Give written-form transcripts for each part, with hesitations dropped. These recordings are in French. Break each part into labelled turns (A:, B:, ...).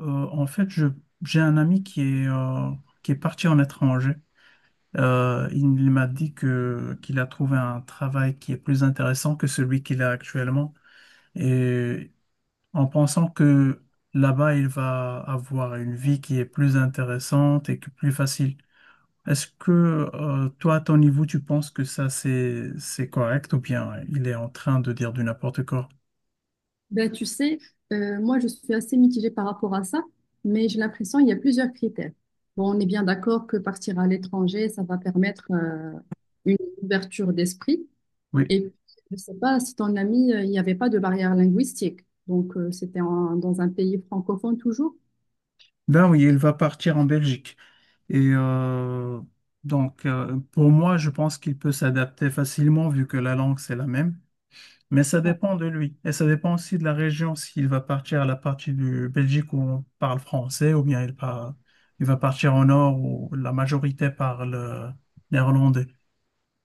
A: Euh, En fait, j'ai un ami qui est parti en étranger. Il m'a dit qu'il a trouvé un travail qui est plus intéressant que celui qu'il a actuellement. Et en pensant que là-bas, il va avoir une vie qui est plus intéressante et que plus facile. Est-ce que, toi, à ton niveau, tu penses que ça, c'est correct ou bien il est en train de dire du n'importe quoi?
B: Ben, tu sais, moi, je suis assez mitigée par rapport à ça, mais j'ai l'impression qu'il y a plusieurs critères. Bon, on est bien d'accord que partir à l'étranger, ça va permettre une ouverture d'esprit.
A: Oui.
B: Et puis, je ne sais pas si ton ami, il n'y avait pas de barrière linguistique. Donc, c'était dans un pays francophone toujours.
A: Ben oui, il va partir en Belgique. Et donc, pour moi, je pense qu'il peut s'adapter facilement vu que la langue, c'est la même. Mais ça dépend de lui. Et ça dépend aussi de la région, s'il va partir à la partie du Belgique où on parle français, ou bien il va partir au nord où la majorité parle néerlandais.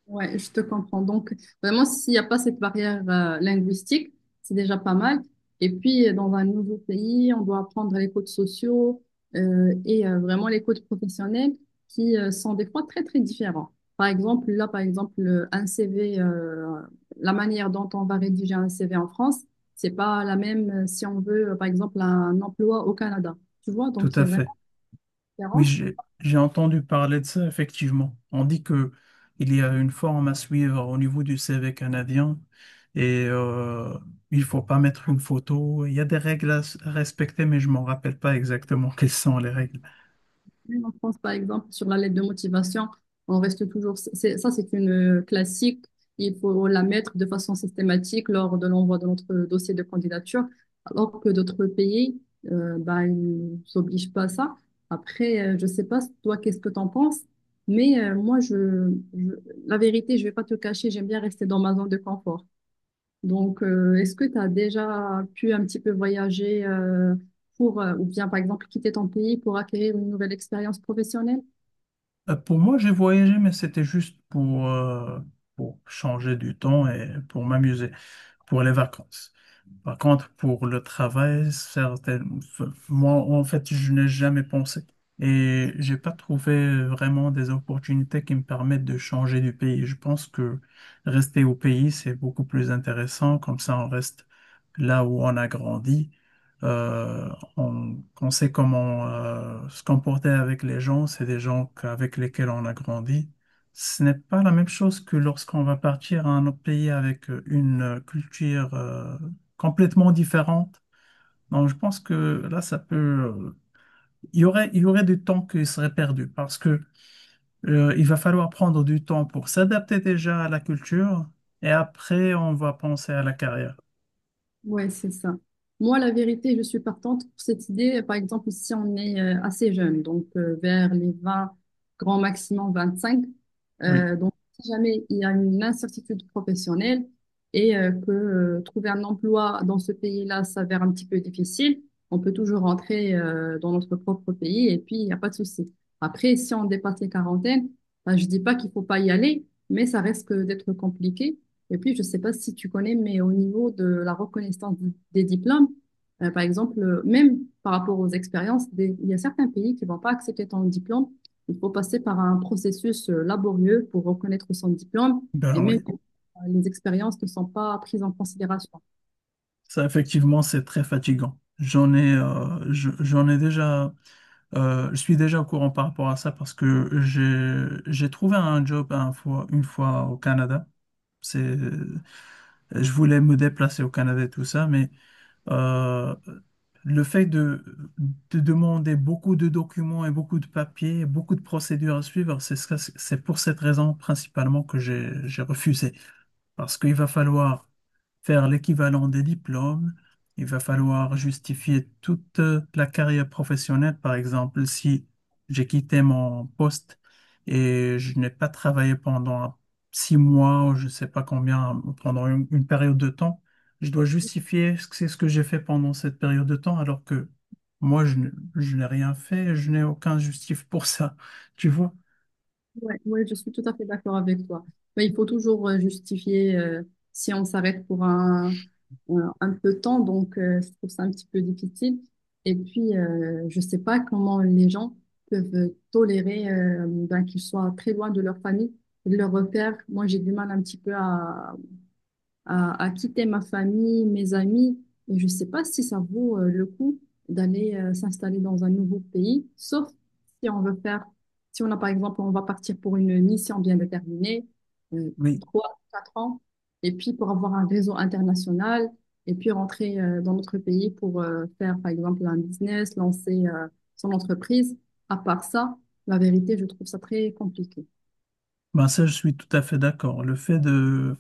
B: Ouais, je te comprends. Donc, vraiment, s'il n'y a pas cette barrière linguistique, c'est déjà pas mal. Et puis, dans un nouveau pays, on doit apprendre les codes sociaux et vraiment les codes professionnels qui sont des fois très, très différents. Par exemple, là, par exemple, un CV, la manière dont on va rédiger un CV en France, c'est pas la même si on veut, par exemple, un emploi au Canada. Tu vois,
A: Tout
B: donc il y
A: à
B: a vraiment
A: fait.
B: une
A: Oui,
B: différence.
A: j'ai entendu parler de ça, effectivement. On dit que il y a une forme à suivre au niveau du C CV canadien et il faut pas mettre une photo. Il y a des règles à respecter, mais je m'en rappelle pas exactement quelles sont les règles.
B: En France, par exemple, sur la lettre de motivation, on reste toujours. Ça, c'est une classique. Il faut la mettre de façon systématique lors de l'envoi de notre dossier de candidature, alors que d'autres pays, bah, ils s'obligent pas à ça. Après, je sais pas, toi, qu'est-ce que tu en penses, mais moi, la vérité, je vais pas te cacher, j'aime bien rester dans ma zone de confort. Donc, est-ce que tu as déjà pu un petit peu voyager pour, ou bien par exemple quitter ton pays pour acquérir une nouvelle expérience professionnelle?
A: Pour moi, j'ai voyagé, mais c'était juste pour changer du temps et pour m'amuser, pour les vacances. Par contre, pour le travail, enfin, moi, en fait, je n'ai jamais pensé. Et j'ai pas trouvé vraiment des opportunités qui me permettent de changer du pays. Je pense que rester au pays, c'est beaucoup plus intéressant. Comme ça, on reste là où on a grandi. Euh, on sait comment se comporter avec les gens. C'est des gens avec lesquels on a grandi. Ce n'est pas la même chose que lorsqu'on va partir à un autre pays avec une culture complètement différente. Donc, je pense que là, ça peut. Il y aurait du temps qui serait perdu parce que il va falloir prendre du temps pour s'adapter déjà à la culture et après, on va penser à la carrière.
B: Ouais, c'est ça. Moi, la vérité, je suis partante pour cette idée. Par exemple, si on est assez jeune, donc vers les 20, grand maximum 25,
A: Oui,
B: donc si jamais il y a une incertitude professionnelle et que trouver un emploi dans ce pays-là s'avère un petit peu difficile, on peut toujours rentrer dans notre propre pays et puis il n'y a pas de souci. Après, si on dépasse les quarantaines, ben, je dis pas qu'il faut pas y aller, mais ça risque d'être compliqué. Et puis, je ne sais pas si tu connais, mais au niveau de la reconnaissance des diplômes, par exemple, même par rapport aux expériences, il y a certains pays qui ne vont pas accepter ton diplôme. Il faut passer par un processus laborieux pour reconnaître son diplôme.
A: ben
B: Et même
A: oui.
B: les expériences ne sont pas prises en considération.
A: Ça, effectivement, c'est très fatigant. J'en ai, je- j'en ai déjà, Je suis déjà au courant par rapport à ça parce que j'ai trouvé un job une fois au Canada. C'est, je voulais me déplacer au Canada et tout ça, mais euh, le fait de demander beaucoup de documents et beaucoup de papiers, beaucoup de procédures à suivre, c'est pour cette raison principalement que j'ai refusé. Parce qu'il va falloir faire l'équivalent des diplômes. Il va falloir justifier toute la carrière professionnelle. Par exemple, si j'ai quitté mon poste et je n'ai pas travaillé pendant 6 mois ou je ne sais pas combien, pendant une période de temps, je dois justifier ce que c'est ce que j'ai fait pendant cette période de temps alors que moi, je n'ai rien fait, je n'ai aucun justif pour ça. Tu vois?
B: Ouais, ouais, je suis tout à fait d'accord avec toi. Mais il faut toujours justifier si on s'arrête pour un peu de temps, donc je trouve ça un petit peu difficile. Et puis, je sais pas comment les gens peuvent tolérer ben, qu'ils soient très loin de leur famille, de leurs repères. Moi, j'ai du mal un petit peu à quitter ma famille, mes amis. Et je ne sais pas si ça vaut le coup d'aller s'installer dans un nouveau pays, sauf si on veut faire, si on a par exemple, on va partir pour une mission bien déterminée, euh,
A: Oui.
B: 3, 4 ans, et puis pour avoir un réseau international, et puis rentrer dans notre pays pour faire par exemple un business, lancer son entreprise. À part ça, la vérité, je trouve ça très compliqué.
A: Ben ça, je suis tout à fait d'accord. Le fait de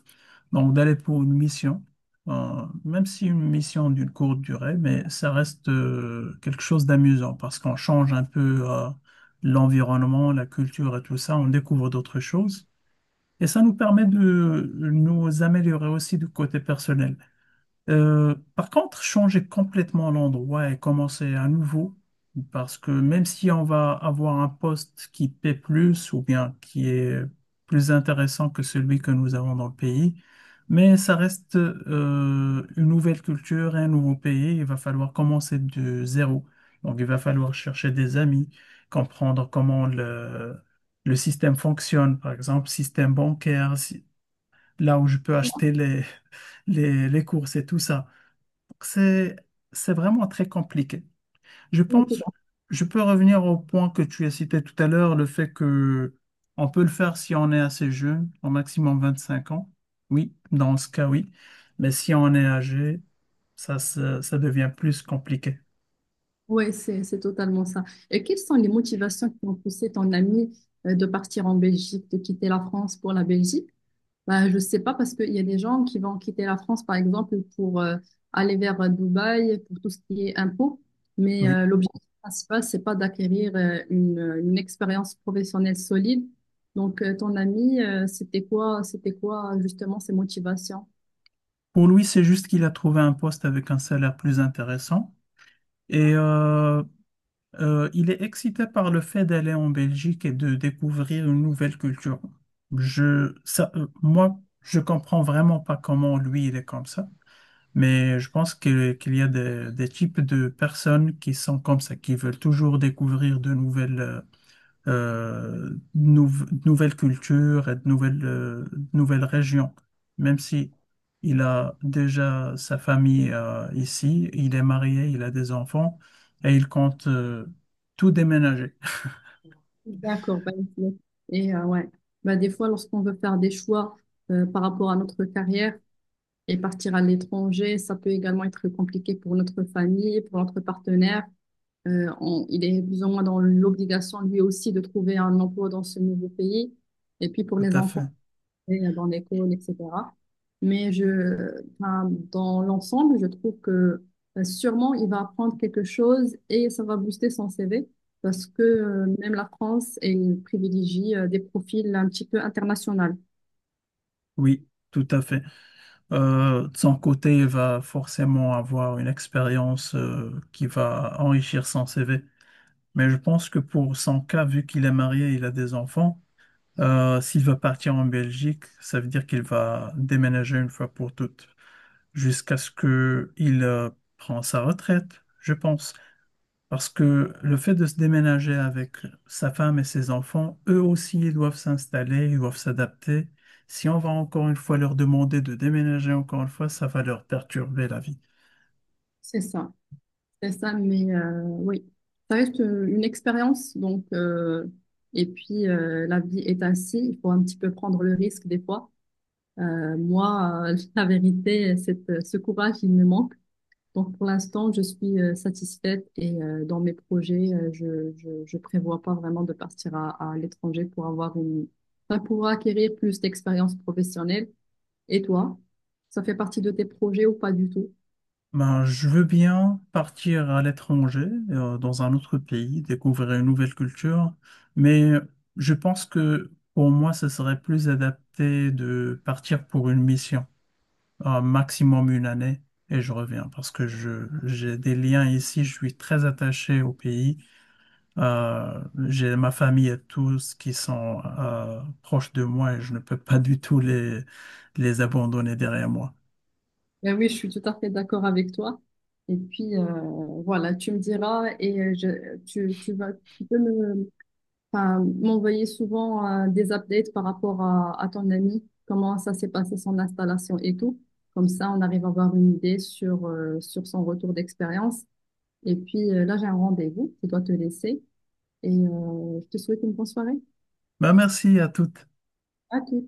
A: donc d'aller pour une mission, même si une mission d'une courte durée, mais ça reste quelque chose d'amusant parce qu'on change un peu l'environnement, la culture et tout ça, on découvre d'autres choses. Et ça nous permet de nous améliorer aussi du côté personnel. Par contre, changer complètement l'endroit et commencer à nouveau, parce que même si on va avoir un poste qui paie plus ou bien qui est plus intéressant que celui que nous avons dans le pays, mais ça reste une nouvelle culture et un nouveau pays, il va falloir commencer de zéro. Donc, il va falloir chercher des amis, comprendre comment le système fonctionne, par exemple, système bancaire, là où je peux acheter les courses et tout ça. C'est, c'est vraiment très compliqué. Je pense, je peux revenir au point que tu as cité tout à l'heure, le fait que on peut le faire si on est assez jeune, au maximum 25 ans. Oui, dans ce cas, oui. Mais si on est âgé, ça devient plus compliqué.
B: Oui, c'est totalement ça. Et quelles sont les motivations qui ont poussé ton ami de partir en Belgique, de quitter la France pour la Belgique? Bah, je sais pas parce qu'il y a des gens qui vont quitter la France, par exemple, pour aller vers Dubaï, pour tout ce qui est impôts. Mais
A: Oui.
B: l'objectif principal, c'est pas d'acquérir une expérience professionnelle solide. Donc, ton ami, c'était quoi justement ses motivations?
A: Pour lui, c'est juste qu'il a trouvé un poste avec un salaire plus intéressant. Et il est excité par le fait d'aller en Belgique et de découvrir une nouvelle culture. Moi, je comprends vraiment pas comment lui, il est comme ça, mais je pense qu'il y a des types de personnes qui sont comme ça, qui veulent toujours découvrir de nouvelles cultures et de nouvelles régions. Même si il a déjà sa famille ici, il est marié, il a des enfants et il compte tout déménager.
B: D'accord, bah, ok. Et ouais, bah, des fois, lorsqu'on veut faire des choix par rapport à notre carrière et partir à l'étranger, ça peut également être compliqué pour notre famille, pour notre partenaire. Il est plus ou moins dans l'obligation lui aussi de trouver un emploi dans ce nouveau pays. Et puis pour
A: Tout
B: les
A: à
B: enfants,
A: fait.
B: et dans l'école, etc. Mais enfin, dans l'ensemble, je trouve que sûrement il va apprendre quelque chose et ça va booster son CV parce que même la France, elle privilégie des profils un petit peu internationaux.
A: Oui, tout à fait. De son côté, il va forcément avoir une expérience qui va enrichir son CV. Mais je pense que pour son cas, vu qu'il est marié, il a des enfants. S'il va partir en Belgique, ça veut dire qu'il va déménager une fois pour toutes, jusqu'à ce que il prend sa retraite, je pense. Parce que le fait de se déménager avec sa femme et ses enfants, eux aussi, ils doivent s'installer, ils doivent s'adapter. Si on va encore une fois leur demander de déménager encore une fois, ça va leur perturber la vie.
B: C'est ça, c'est ça, mais oui, ça reste une expérience, donc, et puis la vie est ainsi, il faut un petit peu prendre le risque des fois. Moi, la vérité, c'est, ce courage, il me manque. Donc pour l'instant, je suis satisfaite et dans mes projets, je prévois pas vraiment de partir à l'étranger pour avoir enfin, pour acquérir plus d'expérience professionnelle. Et toi, ça fait partie de tes projets ou pas du tout?
A: Ben, je veux bien partir à l'étranger, dans un autre pays, découvrir une nouvelle culture, mais je pense que pour moi, ce serait plus adapté de partir pour une mission, un maximum une année, et je reviens parce que j'ai des liens ici, je suis très attaché au pays. J'ai ma famille et tous qui sont, proches de moi et je ne peux pas du tout les abandonner derrière moi.
B: Ben oui, je suis tout à fait d'accord avec toi. Et puis voilà, tu me diras et tu vas, tu peux me enfin, m'envoyer souvent des updates par rapport à ton ami, comment ça s'est passé son installation et tout. Comme ça, on arrive à avoir une idée sur son retour d'expérience. Et puis là, j'ai un rendez-vous, je dois te laisser et je te souhaite une bonne soirée.
A: Ben, merci à toutes.
B: À tout.